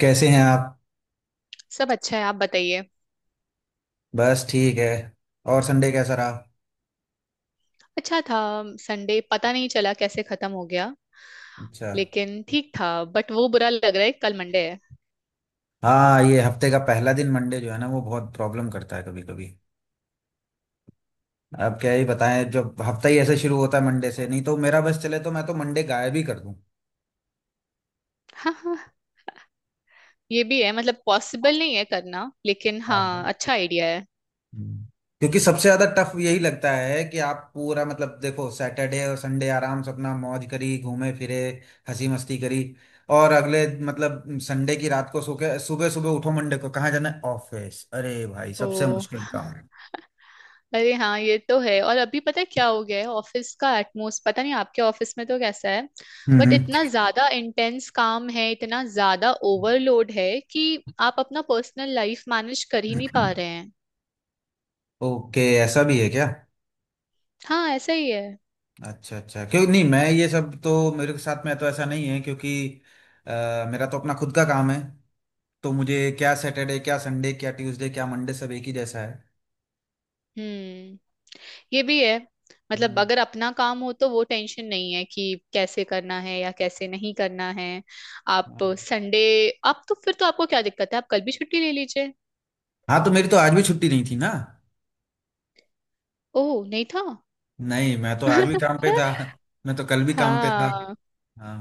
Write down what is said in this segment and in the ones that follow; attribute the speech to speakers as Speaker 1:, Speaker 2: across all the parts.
Speaker 1: कैसे हैं आप।
Speaker 2: सब अच्छा है, आप बताइए।
Speaker 1: बस ठीक है। और संडे कैसा रहा?
Speaker 2: अच्छा था। संडे पता नहीं चला कैसे खत्म हो गया,
Speaker 1: अच्छा।
Speaker 2: लेकिन ठीक था। बट वो बुरा लग रहा है कल मंडे है।
Speaker 1: हाँ, ये हफ्ते का पहला दिन मंडे जो है ना, वो बहुत प्रॉब्लम करता है कभी कभी। अब क्या ही बताएं, जब हफ्ता ही ऐसे शुरू होता है मंडे से, नहीं तो मेरा बस चले तो मैं तो मंडे गायब ही कर दूं।
Speaker 2: हाँ हाँ, ये भी है। मतलब पॉसिबल नहीं है करना, लेकिन हाँ,
Speaker 1: हाँ।
Speaker 2: अच्छा आइडिया है।
Speaker 1: हम्म। क्योंकि सबसे ज्यादा टफ यही लगता है कि आप पूरा मतलब देखो, सैटरडे और संडे आराम से अपना मौज करी, घूमे फिरे, हंसी मस्ती करी। और अगले मतलब संडे की रात को सो के सुबह सुबह उठो, मंडे को कहाँ जाना है, ऑफिस। अरे भाई,
Speaker 2: ओ,
Speaker 1: सबसे मुश्किल काम।
Speaker 2: अरे हाँ, ये तो है। और अभी पता है क्या हो गया है ऑफिस का एटमोस, पता नहीं आपके ऑफिस में तो कैसा है, बट
Speaker 1: हम्म।
Speaker 2: इतना ज्यादा इंटेंस काम है, इतना ज्यादा ओवरलोड है कि आप अपना पर्सनल लाइफ मैनेज कर ही नहीं पा रहे हैं।
Speaker 1: ओके, ऐसा भी है क्या?
Speaker 2: हाँ, ऐसा ही है।
Speaker 1: अच्छा अच्छा, क्यों नहीं। मैं ये सब तो, मेरे के साथ में तो ऐसा नहीं है क्योंकि अ, मेरा तो अपना खुद का काम है। तो मुझे क्या सैटरडे, क्या संडे, क्या ट्यूसडे, क्या मंडे, सब एक ही जैसा है।
Speaker 2: हम्म, ये भी है। मतलब
Speaker 1: हम्म।
Speaker 2: अगर अपना काम हो तो वो टेंशन नहीं है कि कैसे करना है या कैसे नहीं करना है। आप
Speaker 1: हाँ।
Speaker 2: संडे, आप तो फिर तो आपको क्या दिक्कत है, आप कल भी छुट्टी ले लीजिए।
Speaker 1: हाँ, तो मेरी तो आज भी छुट्टी नहीं थी ना।
Speaker 2: ओह, नहीं था।
Speaker 1: नहीं, मैं तो आज भी काम पे था। मैं तो कल भी काम पे था।
Speaker 2: हाँ,
Speaker 1: हाँ।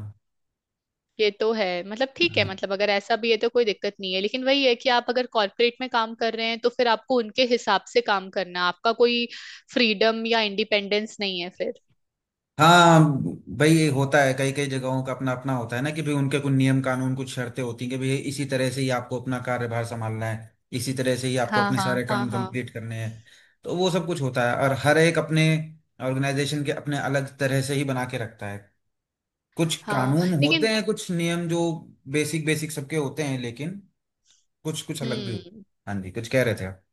Speaker 2: ये तो है। मतलब ठीक है, मतलब अगर ऐसा भी है तो कोई दिक्कत नहीं है, लेकिन वही है कि आप अगर कॉर्पोरेट में काम कर रहे हैं तो फिर आपको उनके हिसाब से काम करना है। आपका कोई फ्रीडम या इंडिपेंडेंस नहीं है फिर।
Speaker 1: हाँ भाई, ये होता है, कई कई जगहों का अपना अपना होता है ना, कि भाई उनके कुछ नियम कानून, कुछ शर्तें होती हैं कि भाई इसी तरह से ही आपको अपना कार्यभार संभालना है, इसी तरह से ही आपको
Speaker 2: हाँ
Speaker 1: अपने
Speaker 2: हाँ
Speaker 1: सारे
Speaker 2: हाँ
Speaker 1: काम
Speaker 2: हाँ,
Speaker 1: कंप्लीट करने हैं। तो वो सब कुछ होता है। और हर एक अपने ऑर्गेनाइजेशन के अपने अलग तरह से ही बना के रखता है। कुछ
Speaker 2: हाँ
Speaker 1: कानून होते
Speaker 2: लेकिन
Speaker 1: हैं, कुछ नियम जो बेसिक बेसिक सबके होते हैं, लेकिन कुछ कुछ अलग भी होते
Speaker 2: हम्म,
Speaker 1: हैं। हाँ जी, कुछ कह रहे थे आप?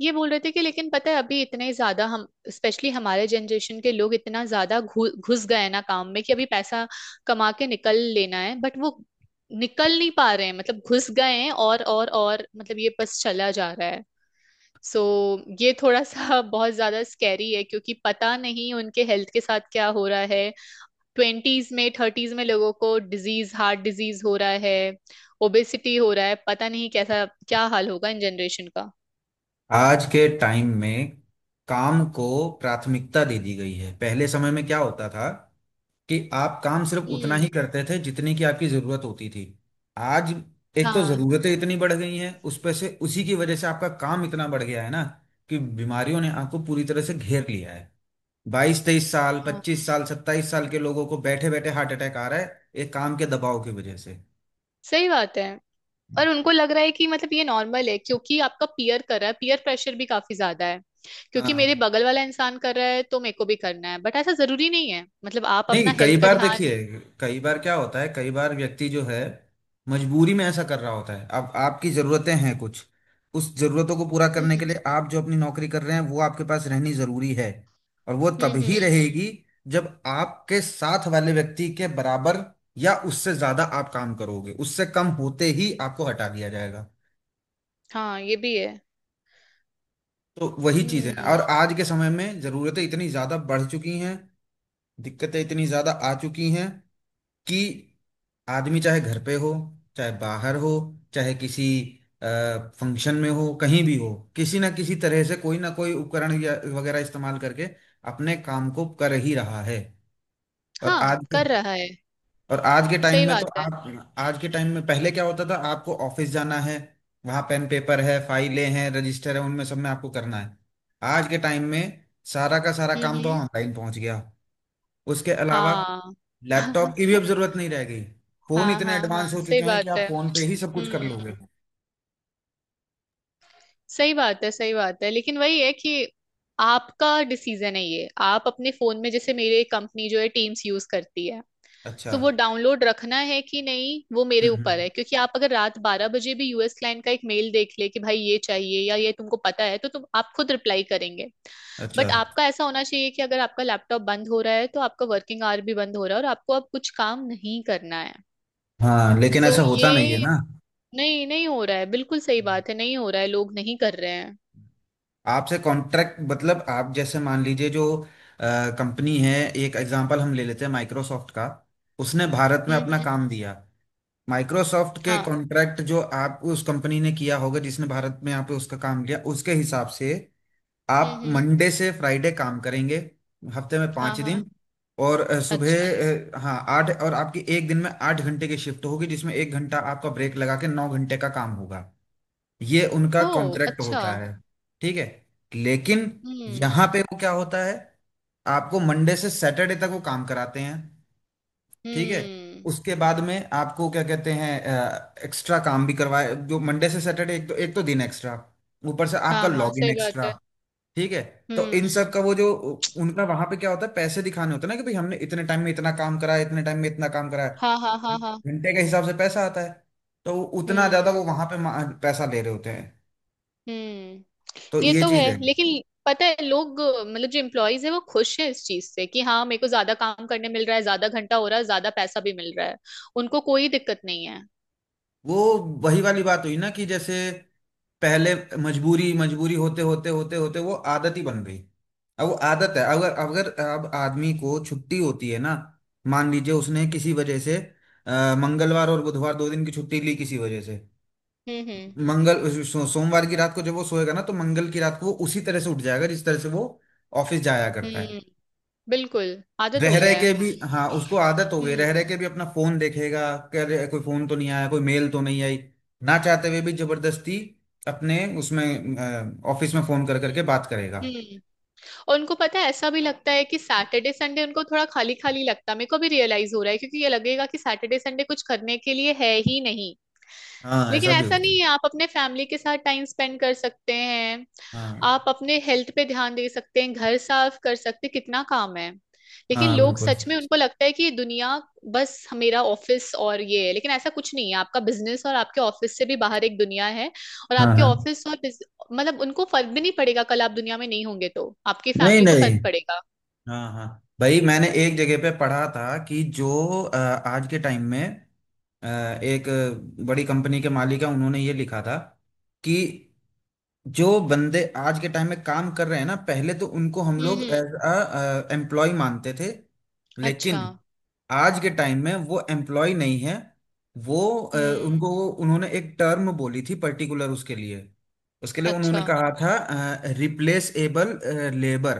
Speaker 2: ये बोल रहे थे कि लेकिन पता है अभी इतने ज्यादा हम, स्पेशली हमारे जनरेशन के लोग इतना ज्यादा घुस गए हैं ना काम में, कि अभी पैसा कमा के निकल लेना है, बट वो निकल नहीं पा रहे हैं। मतलब घुस गए हैं और मतलब ये बस चला जा रहा है। सो ये थोड़ा सा बहुत ज्यादा स्कैरी है, क्योंकि पता नहीं उनके हेल्थ के साथ क्या हो रहा है। ट्वेंटीज में, थर्टीज में लोगों को डिजीज, हार्ट डिजीज हो रहा है, ओबेसिटी हो रहा है। पता नहीं कैसा क्या हाल होगा इन जनरेशन का।
Speaker 1: आज के टाइम में काम को प्राथमिकता दे दी गई है। पहले समय में क्या होता था कि आप काम सिर्फ उतना
Speaker 2: हम्म,
Speaker 1: ही करते थे जितने की आपकी जरूरत होती थी। आज एक तो जरूरतें इतनी बढ़ गई हैं, उस पर से उसी की वजह से आपका काम इतना बढ़ गया है ना कि बीमारियों ने आपको पूरी तरह से घेर लिया है। 22-23 साल,
Speaker 2: हाँ
Speaker 1: 25 साल, 27 साल के लोगों को बैठे बैठे हार्ट अटैक आ रहा है, एक काम के दबाव की वजह से।
Speaker 2: सही बात है। और उनको लग रहा है कि मतलब ये नॉर्मल है, क्योंकि आपका पीयर कर रहा है। पीयर प्रेशर भी काफी ज्यादा है, क्योंकि मेरे
Speaker 1: हाँ।
Speaker 2: बगल वाला इंसान कर रहा है तो मेरे को भी करना है। बट ऐसा जरूरी नहीं है, मतलब आप
Speaker 1: नहीं,
Speaker 2: अपना
Speaker 1: कई
Speaker 2: हेल्थ का
Speaker 1: बार
Speaker 2: ध्यान।
Speaker 1: देखिए, कई बार क्या होता है, कई बार व्यक्ति जो है मजबूरी में ऐसा कर रहा होता है। अब आपकी ज़रूरतें हैं कुछ, उस ज़रूरतों को पूरा करने
Speaker 2: हम्म
Speaker 1: के लिए आप जो अपनी नौकरी कर रहे हैं, वो आपके पास रहनी ज़रूरी है। और वो
Speaker 2: हम्म
Speaker 1: तभी
Speaker 2: हम्म,
Speaker 1: रहेगी जब आपके साथ वाले व्यक्ति के बराबर या उससे ज़्यादा आप काम करोगे, उससे कम होते ही आपको हटा दिया जाएगा।
Speaker 2: हाँ, ये भी है।
Speaker 1: तो वही चीज़ें हैं।
Speaker 2: हम्म,
Speaker 1: और आज के समय में ज़रूरतें इतनी ज़्यादा बढ़ चुकी हैं, दिक्कतें इतनी ज़्यादा आ चुकी हैं कि आदमी चाहे घर पे हो, चाहे बाहर हो, चाहे किसी फंक्शन में हो, कहीं भी हो, किसी ना किसी तरह से कोई ना कोई उपकरण या वगैरह इस्तेमाल करके अपने काम को कर ही रहा है। और
Speaker 2: हाँ
Speaker 1: आज के
Speaker 2: कर रहा है।
Speaker 1: और आज के टाइम
Speaker 2: सही
Speaker 1: में
Speaker 2: बात
Speaker 1: तो,
Speaker 2: है।
Speaker 1: आप आज के टाइम में, पहले क्या होता था, आपको ऑफिस जाना है, वहां पेन पेपर है, फाइलें हैं, रजिस्टर है, उनमें सब में आपको करना है। आज के टाइम में सारा का सारा काम तो
Speaker 2: हम्म,
Speaker 1: ऑनलाइन पहुंच गया। उसके अलावा
Speaker 2: हाँ।
Speaker 1: लैपटॉप की भी अब जरूरत नहीं रह गई। फोन
Speaker 2: हाँ
Speaker 1: इतने
Speaker 2: हाँ हाँ,
Speaker 1: एडवांस हो
Speaker 2: सही
Speaker 1: चुके हैं कि
Speaker 2: बात
Speaker 1: आप
Speaker 2: है।
Speaker 1: फोन पे ही सब कुछ कर लोगे।
Speaker 2: हम्म, सही बात है, सही बात है, लेकिन वही है कि आपका डिसीजन है ये। आप अपने फोन में, जैसे मेरे कंपनी जो है टीम्स यूज करती है,
Speaker 1: अच्छा।
Speaker 2: तो वो डाउनलोड रखना है कि नहीं वो मेरे
Speaker 1: हम्म,
Speaker 2: ऊपर
Speaker 1: हम्म।
Speaker 2: है। क्योंकि आप अगर रात बारह बजे भी यूएस क्लाइंट का एक मेल देख ले कि भाई ये चाहिए या ये तुमको पता है, तो तुम आप खुद रिप्लाई करेंगे।
Speaker 1: अच्छा।
Speaker 2: बट आपका ऐसा होना चाहिए कि अगर आपका लैपटॉप बंद हो रहा है तो आपका वर्किंग आवर भी बंद हो रहा है, और आपको अब कुछ काम नहीं करना है।
Speaker 1: हाँ, लेकिन
Speaker 2: सो
Speaker 1: ऐसा होता नहीं है
Speaker 2: ये,
Speaker 1: ना।
Speaker 2: नहीं नहीं, हो रहा है, बिल्कुल सही बात है, नहीं हो रहा है, लोग नहीं कर रहे हैं।
Speaker 1: आपसे कॉन्ट्रैक्ट, मतलब आप जैसे मान लीजिए जो कंपनी है, एक एग्जांपल हम ले लेते हैं माइक्रोसॉफ्ट का। उसने भारत में
Speaker 2: हम्म
Speaker 1: अपना
Speaker 2: हम्म।
Speaker 1: काम दिया। माइक्रोसॉफ्ट के
Speaker 2: हाँ।
Speaker 1: कॉन्ट्रैक्ट जो आप, उस कंपनी ने किया होगा जिसने भारत में यहाँ पे उसका काम लिया, उसके हिसाब से आप
Speaker 2: हम्म।
Speaker 1: मंडे से फ्राइडे काम करेंगे, हफ्ते में
Speaker 2: हाँ
Speaker 1: पाँच
Speaker 2: हाँ।
Speaker 1: दिन और
Speaker 2: अच्छा।
Speaker 1: सुबह हाँ, आठ। और आपकी एक दिन में 8 घंटे की शिफ्ट होगी, जिसमें 1 घंटा आपका ब्रेक लगा के 9 घंटे का काम होगा। ये उनका
Speaker 2: ओ
Speaker 1: कॉन्ट्रैक्ट
Speaker 2: अच्छा।
Speaker 1: होता है। ठीक है। लेकिन
Speaker 2: हम्म
Speaker 1: यहाँ पे वो क्या होता है, आपको मंडे से सैटरडे तक वो काम कराते हैं। ठीक है।
Speaker 2: हम्म।
Speaker 1: उसके बाद में आपको क्या कहते हैं, एक्स्ट्रा काम भी करवाए। जो मंडे से सैटरडे, एक तो दिन एक्स्ट्रा, ऊपर से आपका
Speaker 2: हाँ हाँ,
Speaker 1: लॉग इन
Speaker 2: सही बात
Speaker 1: एक्स्ट्रा।
Speaker 2: है।
Speaker 1: ठीक है। तो इन
Speaker 2: हम्म।
Speaker 1: सब का वो जो, उनका वहां पे क्या होता है, पैसे दिखाने होते हैं ना, कि भाई हमने इतने टाइम में इतना काम करा है, इतने टाइम में इतना काम करा है।
Speaker 2: हाँ हाँ हाँ हाँ।
Speaker 1: घंटे के हिसाब से पैसा आता है। तो उतना
Speaker 2: हम्म
Speaker 1: ज्यादा वो वहां पे पैसा ले रहे होते हैं।
Speaker 2: हम्म।
Speaker 1: तो
Speaker 2: ये
Speaker 1: ये
Speaker 2: तो है,
Speaker 1: चीज है।
Speaker 2: लेकिन पता है लोग, मतलब जो एम्प्लॉयज है, वो खुश हैं इस चीज से कि हाँ मेरे को ज्यादा काम करने मिल रहा है, ज्यादा घंटा हो रहा है, ज्यादा पैसा भी मिल रहा है। उनको कोई दिक्कत नहीं है।
Speaker 1: वो वही वाली बात हुई ना, कि जैसे पहले मजबूरी, मजबूरी होते होते होते होते वो आदत ही बन गई। अब वो आदत है। अगर अगर अब आदमी को छुट्टी होती है ना, मान लीजिए उसने किसी वजह से मंगलवार और बुधवार 2 दिन की छुट्टी ली किसी वजह से।
Speaker 2: हम्म।
Speaker 1: सोमवार की रात को जब वो सोएगा ना, तो मंगल की रात को वो उसी तरह से उठ जाएगा जिस तरह से वो ऑफिस जाया करता है।
Speaker 2: हम्म, बिल्कुल आदत
Speaker 1: रह
Speaker 2: हो
Speaker 1: रह
Speaker 2: गया है।
Speaker 1: के भी, हाँ उसको आदत हो गई,
Speaker 2: हम्म
Speaker 1: रह रह के भी अपना फोन देखेगा, कह रहे कोई फोन तो नहीं आया, कोई मेल तो नहीं आई। ना चाहते हुए भी जबरदस्ती अपने उसमें ऑफिस में फोन कर करके बात करेगा।
Speaker 2: हम्म। और उनको पता है, ऐसा भी लगता है कि सैटरडे संडे उनको थोड़ा खाली खाली लगता है। मेरे को भी रियलाइज हो रहा है, क्योंकि ये लगेगा कि सैटरडे संडे कुछ करने के लिए है ही नहीं।
Speaker 1: हाँ,
Speaker 2: लेकिन
Speaker 1: ऐसा भी
Speaker 2: ऐसा
Speaker 1: होता है।
Speaker 2: नहीं है, आप अपने फैमिली के साथ टाइम स्पेंड कर सकते हैं।
Speaker 1: हाँ।
Speaker 2: आप अपने हेल्थ पे ध्यान दे सकते हैं, घर साफ कर सकते हैं, कितना काम है। लेकिन
Speaker 1: हाँ
Speaker 2: लोग,
Speaker 1: बिल्कुल।
Speaker 2: सच में उनको लगता है कि ये दुनिया बस मेरा ऑफिस और ये है। लेकिन ऐसा कुछ नहीं है, आपका बिजनेस और आपके ऑफिस से भी बाहर एक दुनिया है। और
Speaker 1: हाँ
Speaker 2: आपके
Speaker 1: हाँ।
Speaker 2: ऑफिस और बिज-, मतलब उनको फर्क भी नहीं पड़ेगा। कल आप दुनिया में नहीं होंगे तो आपकी
Speaker 1: नहीं
Speaker 2: फैमिली को
Speaker 1: नहीं।
Speaker 2: फर्क पड़ेगा।
Speaker 1: हाँ हाँ भाई, मैंने एक जगह पे पढ़ा था कि जो आज के टाइम में अ, एक बड़ी कंपनी के मालिक है उन्होंने ये लिखा था कि जो बंदे आज के टाइम में काम कर रहे हैं ना, पहले तो उनको हम लोग
Speaker 2: हम्म।
Speaker 1: एज अ एम्प्लॉय मानते थे।
Speaker 2: अच्छा।
Speaker 1: लेकिन आज के टाइम में वो एम्प्लॉय नहीं है। वो
Speaker 2: हम्म।
Speaker 1: उनको उन्होंने एक टर्म बोली थी पर्टिकुलर उसके लिए। उसके लिए उन्होंने
Speaker 2: अच्छा।
Speaker 1: कहा था, रिप्लेसेबल लेबर,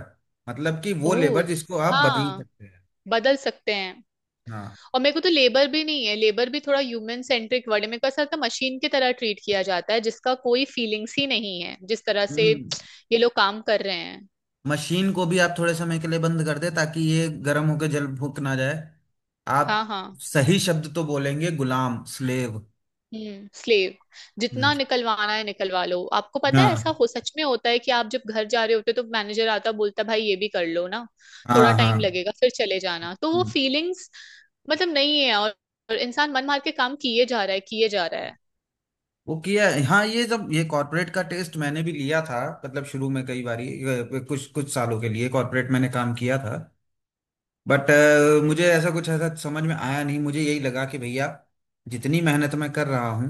Speaker 1: मतलब कि वो
Speaker 2: ओ,
Speaker 1: लेबर जिसको आप बदल
Speaker 2: हाँ,
Speaker 1: सकते हैं।
Speaker 2: बदल सकते हैं।
Speaker 1: हाँ।
Speaker 2: और मेरे को तो लेबर भी नहीं है, लेबर भी थोड़ा ह्यूमन सेंट्रिक वर्ड है। मेरे को ऐसा लगता है मशीन की तरह ट्रीट किया जाता है, जिसका कोई फीलिंग्स ही नहीं है, जिस तरह से
Speaker 1: हम्म।
Speaker 2: ये लोग काम कर रहे हैं।
Speaker 1: मशीन को भी आप थोड़े समय के लिए बंद कर दे, ताकि ये गर्म होकर जल फूक ना जाए। आप
Speaker 2: हाँ हाँ।
Speaker 1: सही शब्द तो बोलेंगे, गुलाम, स्लेव।
Speaker 2: हम्म, स्लेव।
Speaker 1: हम्म।
Speaker 2: जितना निकलवाना है निकलवा लो। आपको पता है, ऐसा
Speaker 1: हाँ
Speaker 2: हो सच में होता है कि आप जब घर जा रहे होते हो तो मैनेजर आता है, बोलता है, भाई ये भी कर लो ना, थोड़ा
Speaker 1: हाँ हाँ।
Speaker 2: टाइम लगेगा, फिर चले जाना। तो वो
Speaker 1: हम्म।
Speaker 2: फीलिंग्स मतलब नहीं है। और इंसान मन मार के काम किए जा रहा है, किए जा रहा है।
Speaker 1: वो किया है। हाँ, ये जब ये कॉर्पोरेट का टेस्ट मैंने भी लिया था, मतलब शुरू में कई बारी कुछ कुछ सालों के लिए कॉर्पोरेट मैंने काम किया था। बट मुझे ऐसा कुछ, ऐसा समझ में आया नहीं। मुझे यही लगा कि भैया जितनी मेहनत मैं कर रहा हूँ,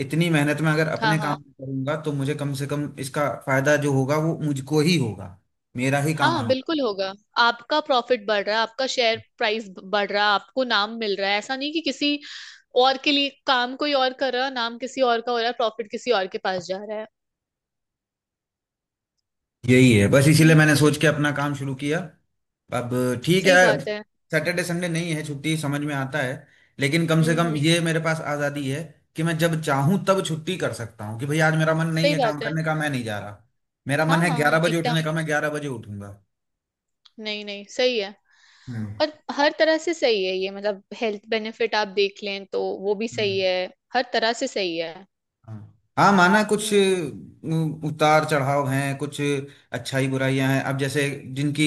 Speaker 1: इतनी मेहनत मैं अगर
Speaker 2: हाँ
Speaker 1: अपने
Speaker 2: हाँ।
Speaker 1: काम में करूंगा तो मुझे कम से कम इसका फायदा जो होगा वो मुझको ही होगा। मेरा ही काम
Speaker 2: हाँ
Speaker 1: आगे।
Speaker 2: बिल्कुल होगा। आपका प्रॉफिट बढ़ रहा है, आपका शेयर प्राइस बढ़ रहा है, आपको नाम मिल रहा है। ऐसा नहीं कि किसी और के लिए काम कोई और कर रहा है, नाम किसी और का हो रहा है, प्रॉफिट किसी और के पास जा रहा है।
Speaker 1: यही है बस, इसीलिए
Speaker 2: हम्म।
Speaker 1: मैंने सोच के अपना काम शुरू किया। अब ठीक है,
Speaker 2: सही बात है।
Speaker 1: सैटरडे संडे नहीं है छुट्टी, समझ में आता है। लेकिन कम से कम
Speaker 2: हम्म।
Speaker 1: ये मेरे पास आज़ादी है कि मैं जब चाहूं तब छुट्टी कर सकता हूं, कि भैया आज मेरा मन नहीं
Speaker 2: सही
Speaker 1: है काम
Speaker 2: बात है।
Speaker 1: करने का, मैं नहीं जा रहा। मेरा मन
Speaker 2: हाँ
Speaker 1: है ग्यारह
Speaker 2: हाँ,
Speaker 1: बजे उठने
Speaker 2: एकदम।
Speaker 1: का, मैं 11 बजे उठूंगा।
Speaker 2: नहीं नहीं, सही है।
Speaker 1: हम्म।
Speaker 2: और हर तरह से सही है ये, मतलब हेल्थ बेनिफिट आप देख लें तो वो भी सही
Speaker 1: हम्म।
Speaker 2: है। हर तरह से सही है।
Speaker 1: हाँ। हाँ माना, कुछ
Speaker 2: हम्म
Speaker 1: उतार चढ़ाव हैं, कुछ अच्छाई बुराइयां हैं। अब जैसे जिनकी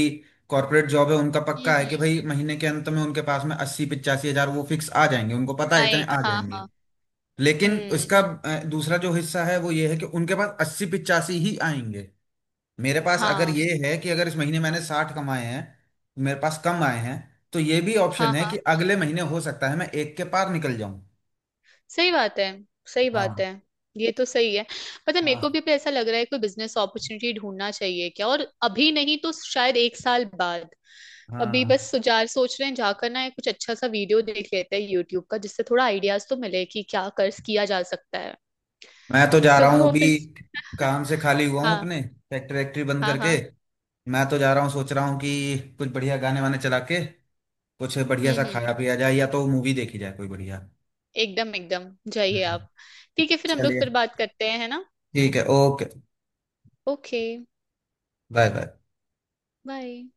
Speaker 1: कॉर्पोरेट जॉब है, उनका
Speaker 2: हम्म,
Speaker 1: पक्का है कि भाई महीने के अंत में उनके पास में 80-85 हजार वो फिक्स आ जाएंगे, उनको पता है इतने
Speaker 2: आए
Speaker 1: आ
Speaker 2: हाँ
Speaker 1: जाएंगे।
Speaker 2: हाँ।
Speaker 1: लेकिन
Speaker 2: हम्म।
Speaker 1: उसका दूसरा जो हिस्सा है वो ये है कि उनके पास 80-85 ही आएंगे। मेरे पास अगर
Speaker 2: हाँ
Speaker 1: ये है, कि अगर इस महीने मैंने 60 कमाए हैं, मेरे पास कम आए हैं, तो ये भी
Speaker 2: हाँ,
Speaker 1: ऑप्शन है
Speaker 2: हाँ,
Speaker 1: कि अगले महीने हो सकता है मैं एक के पार निकल जाऊं।
Speaker 2: सही बात है, सही बात
Speaker 1: हाँ
Speaker 2: है, ये तो सही है। पता है, मेरे को
Speaker 1: हाँ
Speaker 2: भी पे ऐसा लग रहा है कोई बिजनेस अपॉर्चुनिटी ढूंढना चाहिए क्या। और अभी नहीं तो शायद एक साल बाद। अभी
Speaker 1: हाँ।
Speaker 2: बस सुजार सोच रहे हैं, जाकर ना कुछ अच्छा सा वीडियो देख लेते हैं यूट्यूब का, जिससे थोड़ा आइडियाज तो मिले कि क्या कर किया जा सकता है।
Speaker 1: मैं तो जा
Speaker 2: सो
Speaker 1: रहा हूँ
Speaker 2: फिर।
Speaker 1: अभी, काम से खाली हुआ हूँ
Speaker 2: हाँ।
Speaker 1: अपने फैक्ट्री वैक्ट्री बंद
Speaker 2: हाँ
Speaker 1: करके।
Speaker 2: हाँ।
Speaker 1: मैं तो जा रहा हूँ, सोच रहा हूँ कि कुछ बढ़िया गाने वाने चला के कुछ बढ़िया सा
Speaker 2: हम्म।
Speaker 1: खाया पिया जाए, या तो मूवी देखी जाए कोई बढ़िया।
Speaker 2: एकदम एकदम, जाइए
Speaker 1: हम्म।
Speaker 2: आप। ठीक है, फिर हम लोग
Speaker 1: चलिए,
Speaker 2: फिर बात करते हैं है ना।
Speaker 1: ठीक है, okay.
Speaker 2: Okay.
Speaker 1: Bye bye.
Speaker 2: Bye.